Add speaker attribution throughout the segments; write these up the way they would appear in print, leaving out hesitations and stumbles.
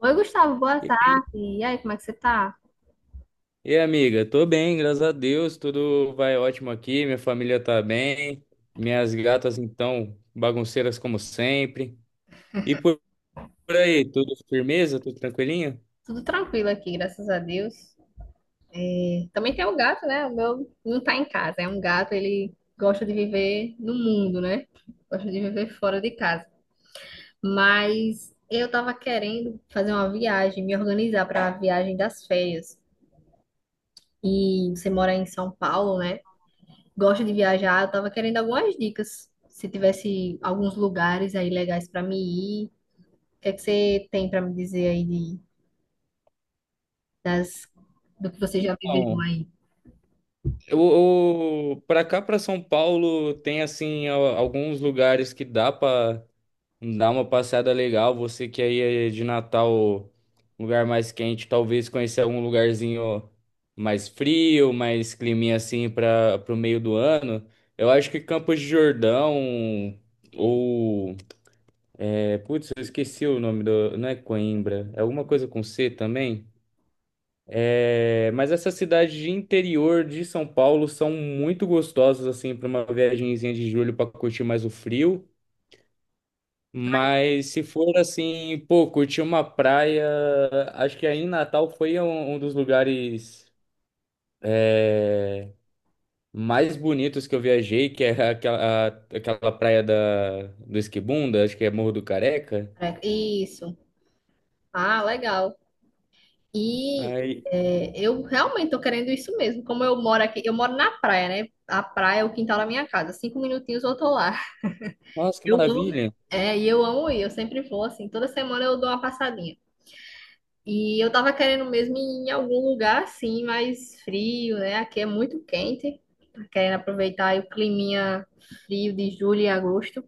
Speaker 1: Oi, Gustavo, boa
Speaker 2: E,
Speaker 1: tarde. E aí, como é que você tá?
Speaker 2: e amiga, tô bem, graças a Deus, tudo vai ótimo aqui, minha família tá bem, minhas gatas então bagunceiras como sempre. E por, por aí, tudo firmeza, tudo tranquilinho?
Speaker 1: Tudo tranquilo aqui, graças a Deus. Também tem o gato, né? O meu não tá em casa. É um gato, ele gosta de viver no mundo, né? Gosta de viver fora de casa. Mas eu tava querendo fazer uma viagem, me organizar para a viagem das férias. E você mora em São Paulo, né? Gosta de viajar. Eu tava querendo algumas dicas. Se tivesse alguns lugares aí legais para me ir, o que é que você tem para me dizer aí das, do que você já viveu
Speaker 2: Então,
Speaker 1: aí.
Speaker 2: eu, pra cá, pra São Paulo, tem assim alguns lugares que dá uma passada legal. Você que aí é de Natal, um lugar mais quente, talvez conhecer algum lugarzinho mais frio, mais climinha assim para o meio do ano. Eu acho que Campos de Jordão ou putz, eu esqueci o nome do, não é Coimbra, é alguma coisa com C também. É, mas essas cidades de interior de São Paulo são muito gostosas assim para uma viagenzinha de julho para curtir mais o frio. Mas se for assim, pô, curtir uma praia, acho que aí em Natal foi um dos lugares é, mais bonitos que eu viajei, que é aquela praia do Esquibunda, acho que é Morro do Careca.
Speaker 1: Isso. Ah, legal. E
Speaker 2: Aí,
Speaker 1: eu realmente tô querendo isso mesmo. Como eu moro aqui, eu moro na praia, né? A praia é o quintal da minha casa. 5 minutinhos eu tô lá.
Speaker 2: nossa, que
Speaker 1: Eu amo,
Speaker 2: maravilha!
Speaker 1: e eu amo ir. Eu sempre vou assim. Toda semana eu dou uma passadinha. E eu tava querendo mesmo ir em algum lugar assim, mais frio, né? Aqui é muito quente. Tá querendo aproveitar aí o climinha frio de julho e agosto.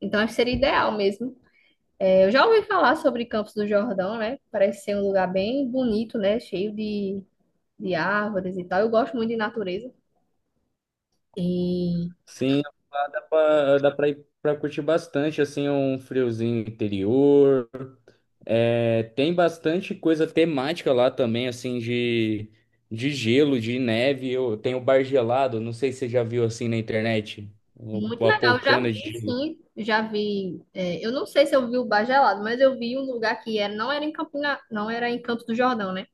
Speaker 1: Então acho que seria ideal mesmo. Eu já ouvi falar sobre Campos do Jordão, né? Parece ser um lugar bem bonito, né? De árvores e tal. Eu gosto muito de natureza. E
Speaker 2: Sim, lá dá pra ir pra curtir bastante, assim, um friozinho interior. É, tem bastante coisa temática lá também, assim, de gelo, de neve. Eu, tem o bar gelado, não sei se você já viu assim na internet.
Speaker 1: muito
Speaker 2: A
Speaker 1: legal. Eu já
Speaker 2: poltrona de
Speaker 1: vi,
Speaker 2: gelo.
Speaker 1: sim. Já vi. Eu não sei se eu vi o Bar Gelado, mas eu vi um lugar que era, não era em Campina, não era em Campos do Jordão, né?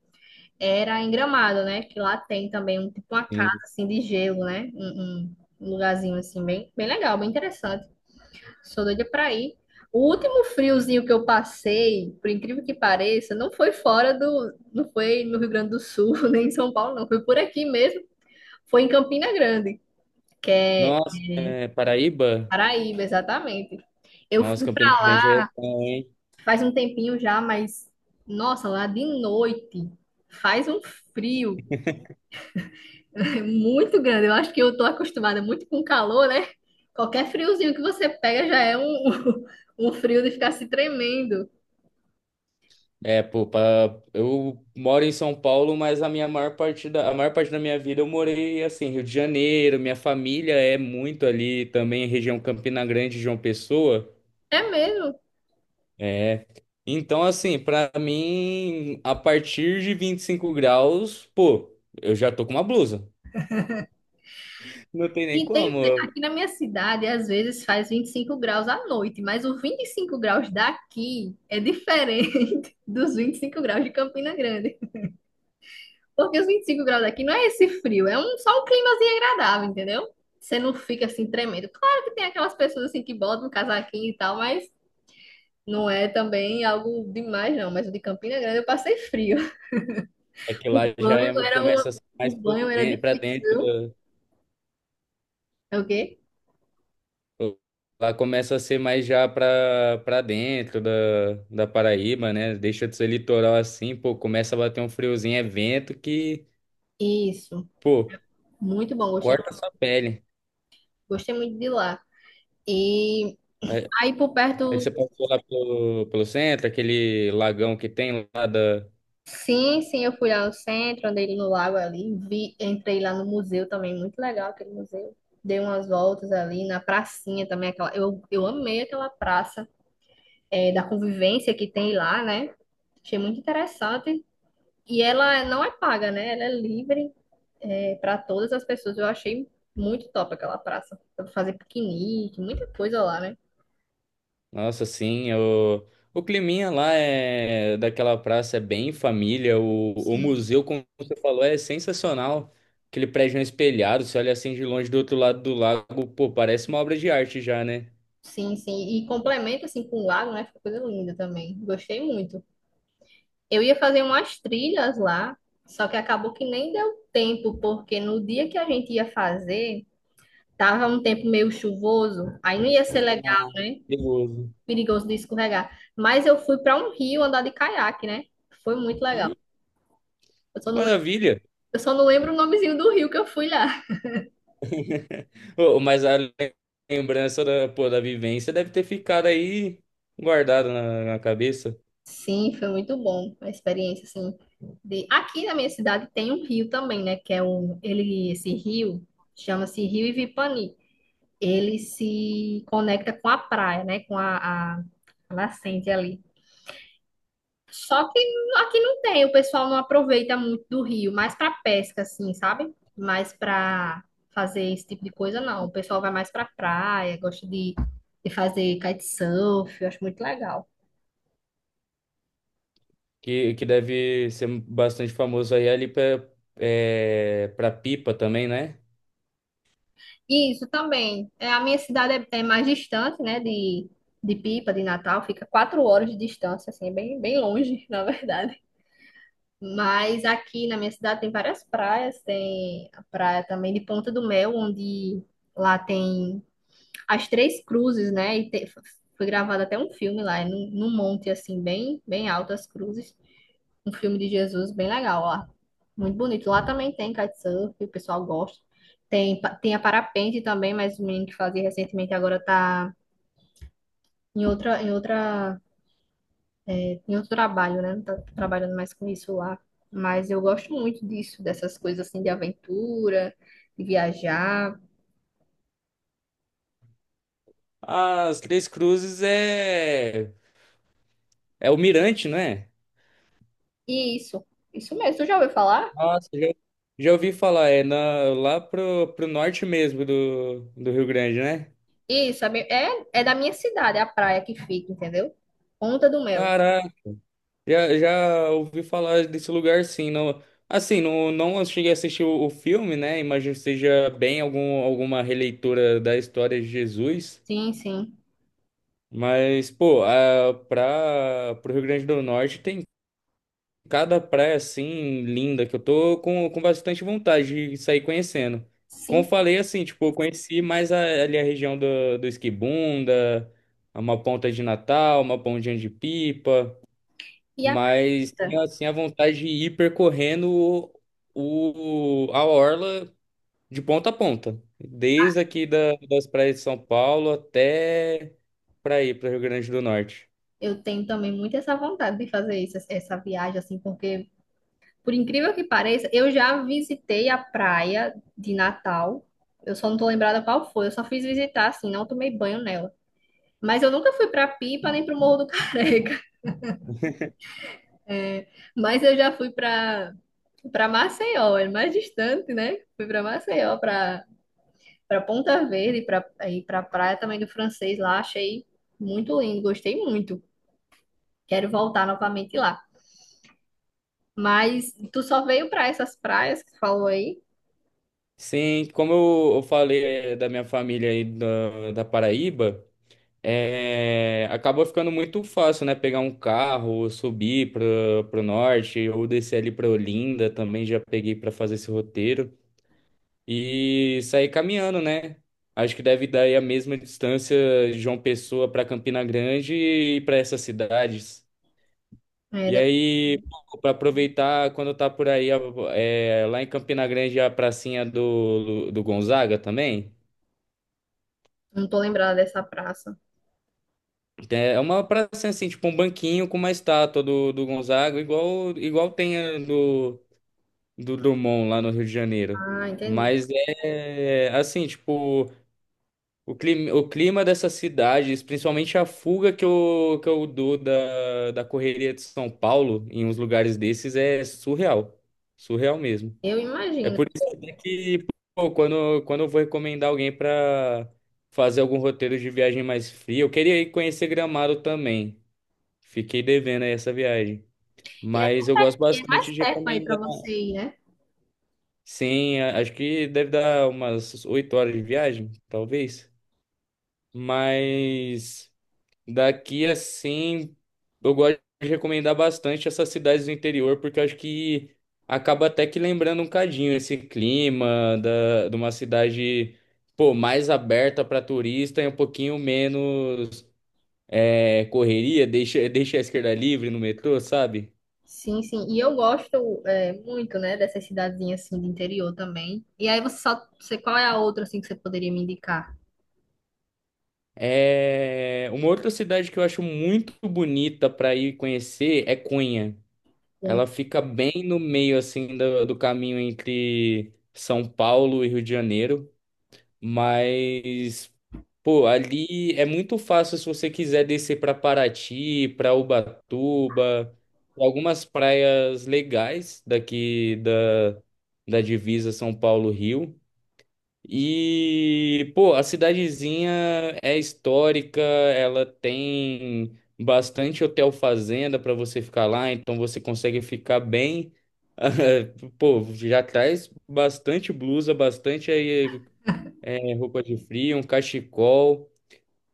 Speaker 1: Era em Gramado, né? Que lá tem também um tipo uma casa
Speaker 2: Assim.
Speaker 1: assim de gelo, né? Um lugarzinho assim bem, bem legal, bem interessante. Sou doida pra ir. O último friozinho que eu passei, por incrível que pareça, não foi fora do. Não foi no Rio Grande do Sul, nem em São Paulo, não. Foi por aqui mesmo. Foi em Campina Grande, que é.
Speaker 2: Nossa, é, Paraíba?
Speaker 1: Paraíba, exatamente. Eu
Speaker 2: Nossa,
Speaker 1: fui
Speaker 2: Campina
Speaker 1: pra
Speaker 2: Grande é
Speaker 1: lá
Speaker 2: bom, hein?
Speaker 1: faz um tempinho já, mas. Nossa, lá de noite faz um frio muito grande. Eu acho que eu tô acostumada muito com calor, né? Qualquer friozinho que você pega já é um frio de ficar se tremendo.
Speaker 2: É, pô, eu moro em São Paulo, mas a minha maior parte da, a maior parte da minha vida eu morei assim, Rio de Janeiro, minha família é muito ali também, região Campina Grande, João Pessoa.
Speaker 1: É mesmo.
Speaker 2: É. Então, assim, pra mim, a partir de 25 graus, pô, eu já tô com uma blusa. Não tem nem
Speaker 1: E tem,
Speaker 2: como.
Speaker 1: aqui na minha cidade, às vezes faz 25 graus à noite, mas os 25 graus daqui é diferente dos 25 graus de Campina Grande. Porque os 25 graus daqui não é esse frio, é só um climazinho agradável, entendeu? Você não fica assim tremendo. Claro que tem aquelas pessoas assim que botam um casaquinho e tal, mas não é também algo demais, não. Mas o de Campina Grande eu passei frio.
Speaker 2: É que lá
Speaker 1: O
Speaker 2: já
Speaker 1: banho era uma,
Speaker 2: começa a ser
Speaker 1: o
Speaker 2: mais
Speaker 1: banho era
Speaker 2: pra
Speaker 1: difícil,
Speaker 2: dentro
Speaker 1: viu?
Speaker 2: da.
Speaker 1: É o quê?
Speaker 2: Lá começa a ser mais já pra dentro da Paraíba, né? Deixa de ser litoral assim, pô, começa a bater um friozinho, é vento que,
Speaker 1: Isso.
Speaker 2: pô,
Speaker 1: Muito bom, gostei,
Speaker 2: corta a sua pele.
Speaker 1: gostei muito de lá. E
Speaker 2: Aí
Speaker 1: aí por
Speaker 2: aí
Speaker 1: perto,
Speaker 2: você passou lá pelo, pelo centro, aquele lagão que tem lá da.
Speaker 1: sim, sim, eu fui lá no centro, andei no lago ali, vi, entrei lá no museu também, muito legal aquele museu. Dei umas voltas ali na pracinha também, eu amei aquela praça da convivência que tem lá, né? Achei muito interessante. E ela não é paga, né? Ela é livre para todas as pessoas. Eu achei muito top aquela praça. Dá pra fazer piquenique, muita coisa lá, né?
Speaker 2: Nossa, sim, o climinha lá é daquela praça é bem família. O
Speaker 1: Sim.
Speaker 2: museu, como você falou, é sensacional. Aquele prédio espelhado, você olha assim de longe do outro lado do lago, pô, parece uma obra de arte já, né?
Speaker 1: Sim, sim. E complementa assim com o lago, né? Fica coisa linda também. Gostei muito. Eu ia fazer umas trilhas lá, só que acabou que nem deu tempo, porque no dia que a gente ia fazer, tava um tempo meio chuvoso, aí não ia ser legal,
Speaker 2: Ah,
Speaker 1: né?
Speaker 2: perigoso.
Speaker 1: Perigoso de escorregar. Mas eu fui para um rio andar de caiaque, né? Foi muito legal.
Speaker 2: Hum,
Speaker 1: Eu só não,
Speaker 2: maravilha!
Speaker 1: eu só não lembro o nomezinho do rio que eu fui lá.
Speaker 2: Ô, mas a lembrança pô, da vivência deve ter ficado aí guardada na cabeça,
Speaker 1: Sim, foi muito bom a experiência, assim. De... Aqui na minha cidade tem um rio também, né? Que é esse rio chama-se Rio Ivipani. Ele se conecta com a praia, né? Com a a nascente ali. Só que aqui não tem, o pessoal não aproveita muito do rio, mais para pesca, assim, sabe? Mais para fazer esse tipo de coisa, não. O pessoal vai mais para praia, de fazer kitesurf, eu acho muito legal.
Speaker 2: que deve ser bastante famoso aí ali é, pra Pipa também, né?
Speaker 1: E isso também. É, a minha cidade é, é mais distante, né? De Pipa, de Natal, fica 4 horas de distância, assim, é bem, bem longe, na verdade. Mas aqui na minha cidade tem várias praias, tem a praia também de Ponta do Mel, onde lá tem as Três Cruzes, né? Foi gravado até um filme lá, é num monte assim, bem, bem alto as cruzes. Um filme de Jesus bem legal lá. Muito bonito. Lá também tem kitesurf, o pessoal gosta. Tem a parapente também, mas o menino que fazia recentemente agora tá em outra eu trabalho, né? Não tá trabalhando mais com isso lá. Mas eu gosto muito disso, dessas coisas assim de aventura, de viajar.
Speaker 2: As Três Cruzes é o Mirante, não é?
Speaker 1: E isso, isso mesmo. Tu já ouviu falar?
Speaker 2: Nossa, já ouvi falar, é lá pro, pro norte mesmo do Rio Grande, né?
Speaker 1: Isso, é é da minha cidade, é a praia que fica, entendeu? Ponta do Mel.
Speaker 2: Caraca, já ouvi falar desse lugar sim. Não, assim, não cheguei a assistir o filme, né? Imagino que seja bem alguma releitura da história de Jesus.
Speaker 1: Sim, sim.
Speaker 2: Mas, pô, pro Rio Grande do Norte tem cada praia assim linda que eu tô com bastante vontade de sair conhecendo. Como eu
Speaker 1: Sim,
Speaker 2: falei assim, tipo, eu conheci mais ali a região do Esquibunda, uma ponta de Natal, uma pontinha de Pipa,
Speaker 1: e a
Speaker 2: mas
Speaker 1: canta.
Speaker 2: tenho assim a vontade de ir percorrendo a orla de ponta a ponta, desde aqui das praias de São Paulo até para ir para o Rio Grande do Norte.
Speaker 1: Eu tenho também muito essa vontade de fazer isso, essa viagem, assim, porque, por incrível que pareça, eu já visitei a praia de Natal. Eu só não tô lembrada qual foi. Eu só fiz visitar, assim, não tomei banho nela. Mas eu nunca fui para Pipa nem para o Morro do Careca. É, mas eu já fui para Maceió, é mais distante, né? Fui para Maceió, para Ponta Verde, para ir para a praia também do Francês lá, achei muito lindo, gostei muito. Quero voltar novamente lá. Mas tu só veio para essas praias que tu falou aí?
Speaker 2: Sim, como eu falei eh, da minha família aí da Paraíba, eh, acabou ficando muito fácil, né? Pegar um carro, subir pro norte, ou descer ali pra Olinda, também já peguei para fazer esse roteiro, e sair caminhando, né? Acho que deve dar aí a mesma distância de João Pessoa para Campina Grande e para essas cidades.
Speaker 1: É,
Speaker 2: E
Speaker 1: de-
Speaker 2: aí, para aproveitar quando tá por aí, é, lá em Campina Grande, a pracinha do Gonzaga também.
Speaker 1: não tô lembrada dessa praça.
Speaker 2: É uma praça assim, tipo um banquinho com uma estátua do Gonzaga, igual tem a do Drummond lá no Rio de Janeiro.
Speaker 1: Ah, entendi.
Speaker 2: Mas é assim, tipo, o clima dessas cidades, principalmente a fuga que que eu dou da correria de São Paulo em uns lugares desses é surreal. Surreal mesmo.
Speaker 1: Eu
Speaker 2: É
Speaker 1: imagino.
Speaker 2: por isso até que, pô, quando eu vou recomendar alguém pra fazer algum roteiro de viagem mais fria, eu queria ir conhecer Gramado também. Fiquei devendo aí essa viagem. Mas eu gosto
Speaker 1: E é mais
Speaker 2: bastante de
Speaker 1: perto aí para
Speaker 2: recomendar.
Speaker 1: você ir, né?
Speaker 2: Sim, acho que deve dar umas 8 horas de viagem, talvez. Mas daqui assim, eu gosto de recomendar bastante essas cidades do interior, porque eu acho que acaba até que lembrando um cadinho esse clima de uma cidade, pô, mais aberta para turista e um pouquinho menos é, correria, deixa a esquerda livre no metrô, sabe?
Speaker 1: Sim, sim. E eu gosto muito, né, dessas cidadezinhas assim de interior também. E aí você, qual é a outra assim que você poderia me indicar?
Speaker 2: É... Uma outra cidade que eu acho muito bonita para ir conhecer é Cunha.
Speaker 1: Bem,
Speaker 2: Ela fica bem no meio assim do caminho entre São Paulo e Rio de Janeiro, mas pô, ali é muito fácil se você quiser descer para Paraty, para Ubatuba, algumas praias legais daqui da divisa São Paulo-Rio. E, pô, a cidadezinha é histórica, ela tem bastante hotel fazenda para você ficar lá, então você consegue ficar bem. Pô, já traz bastante blusa, bastante aí, é, roupa de frio, um cachecol,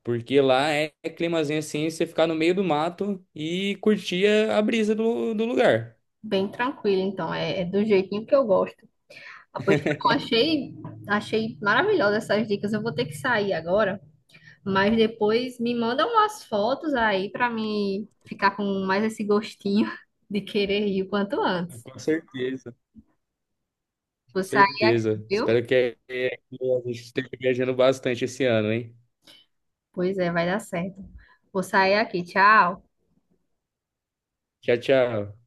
Speaker 2: porque lá é, é climazinho assim, você ficar no meio do mato e curtir a brisa do lugar.
Speaker 1: bem tranquilo, então é, é do jeitinho que eu gosto. Ah, pois tá bom, achei maravilhosa essas dicas. Eu vou ter que sair agora, mas depois me manda umas fotos aí pra me ficar com mais esse gostinho de querer ir o quanto antes.
Speaker 2: Com certeza.
Speaker 1: Vou sair aqui,
Speaker 2: Certeza.
Speaker 1: viu?
Speaker 2: Espero que, é, que a gente esteja viajando bastante esse ano, hein?
Speaker 1: Pois é, vai dar certo. Vou sair aqui. Tchau.
Speaker 2: Tchau, tchau.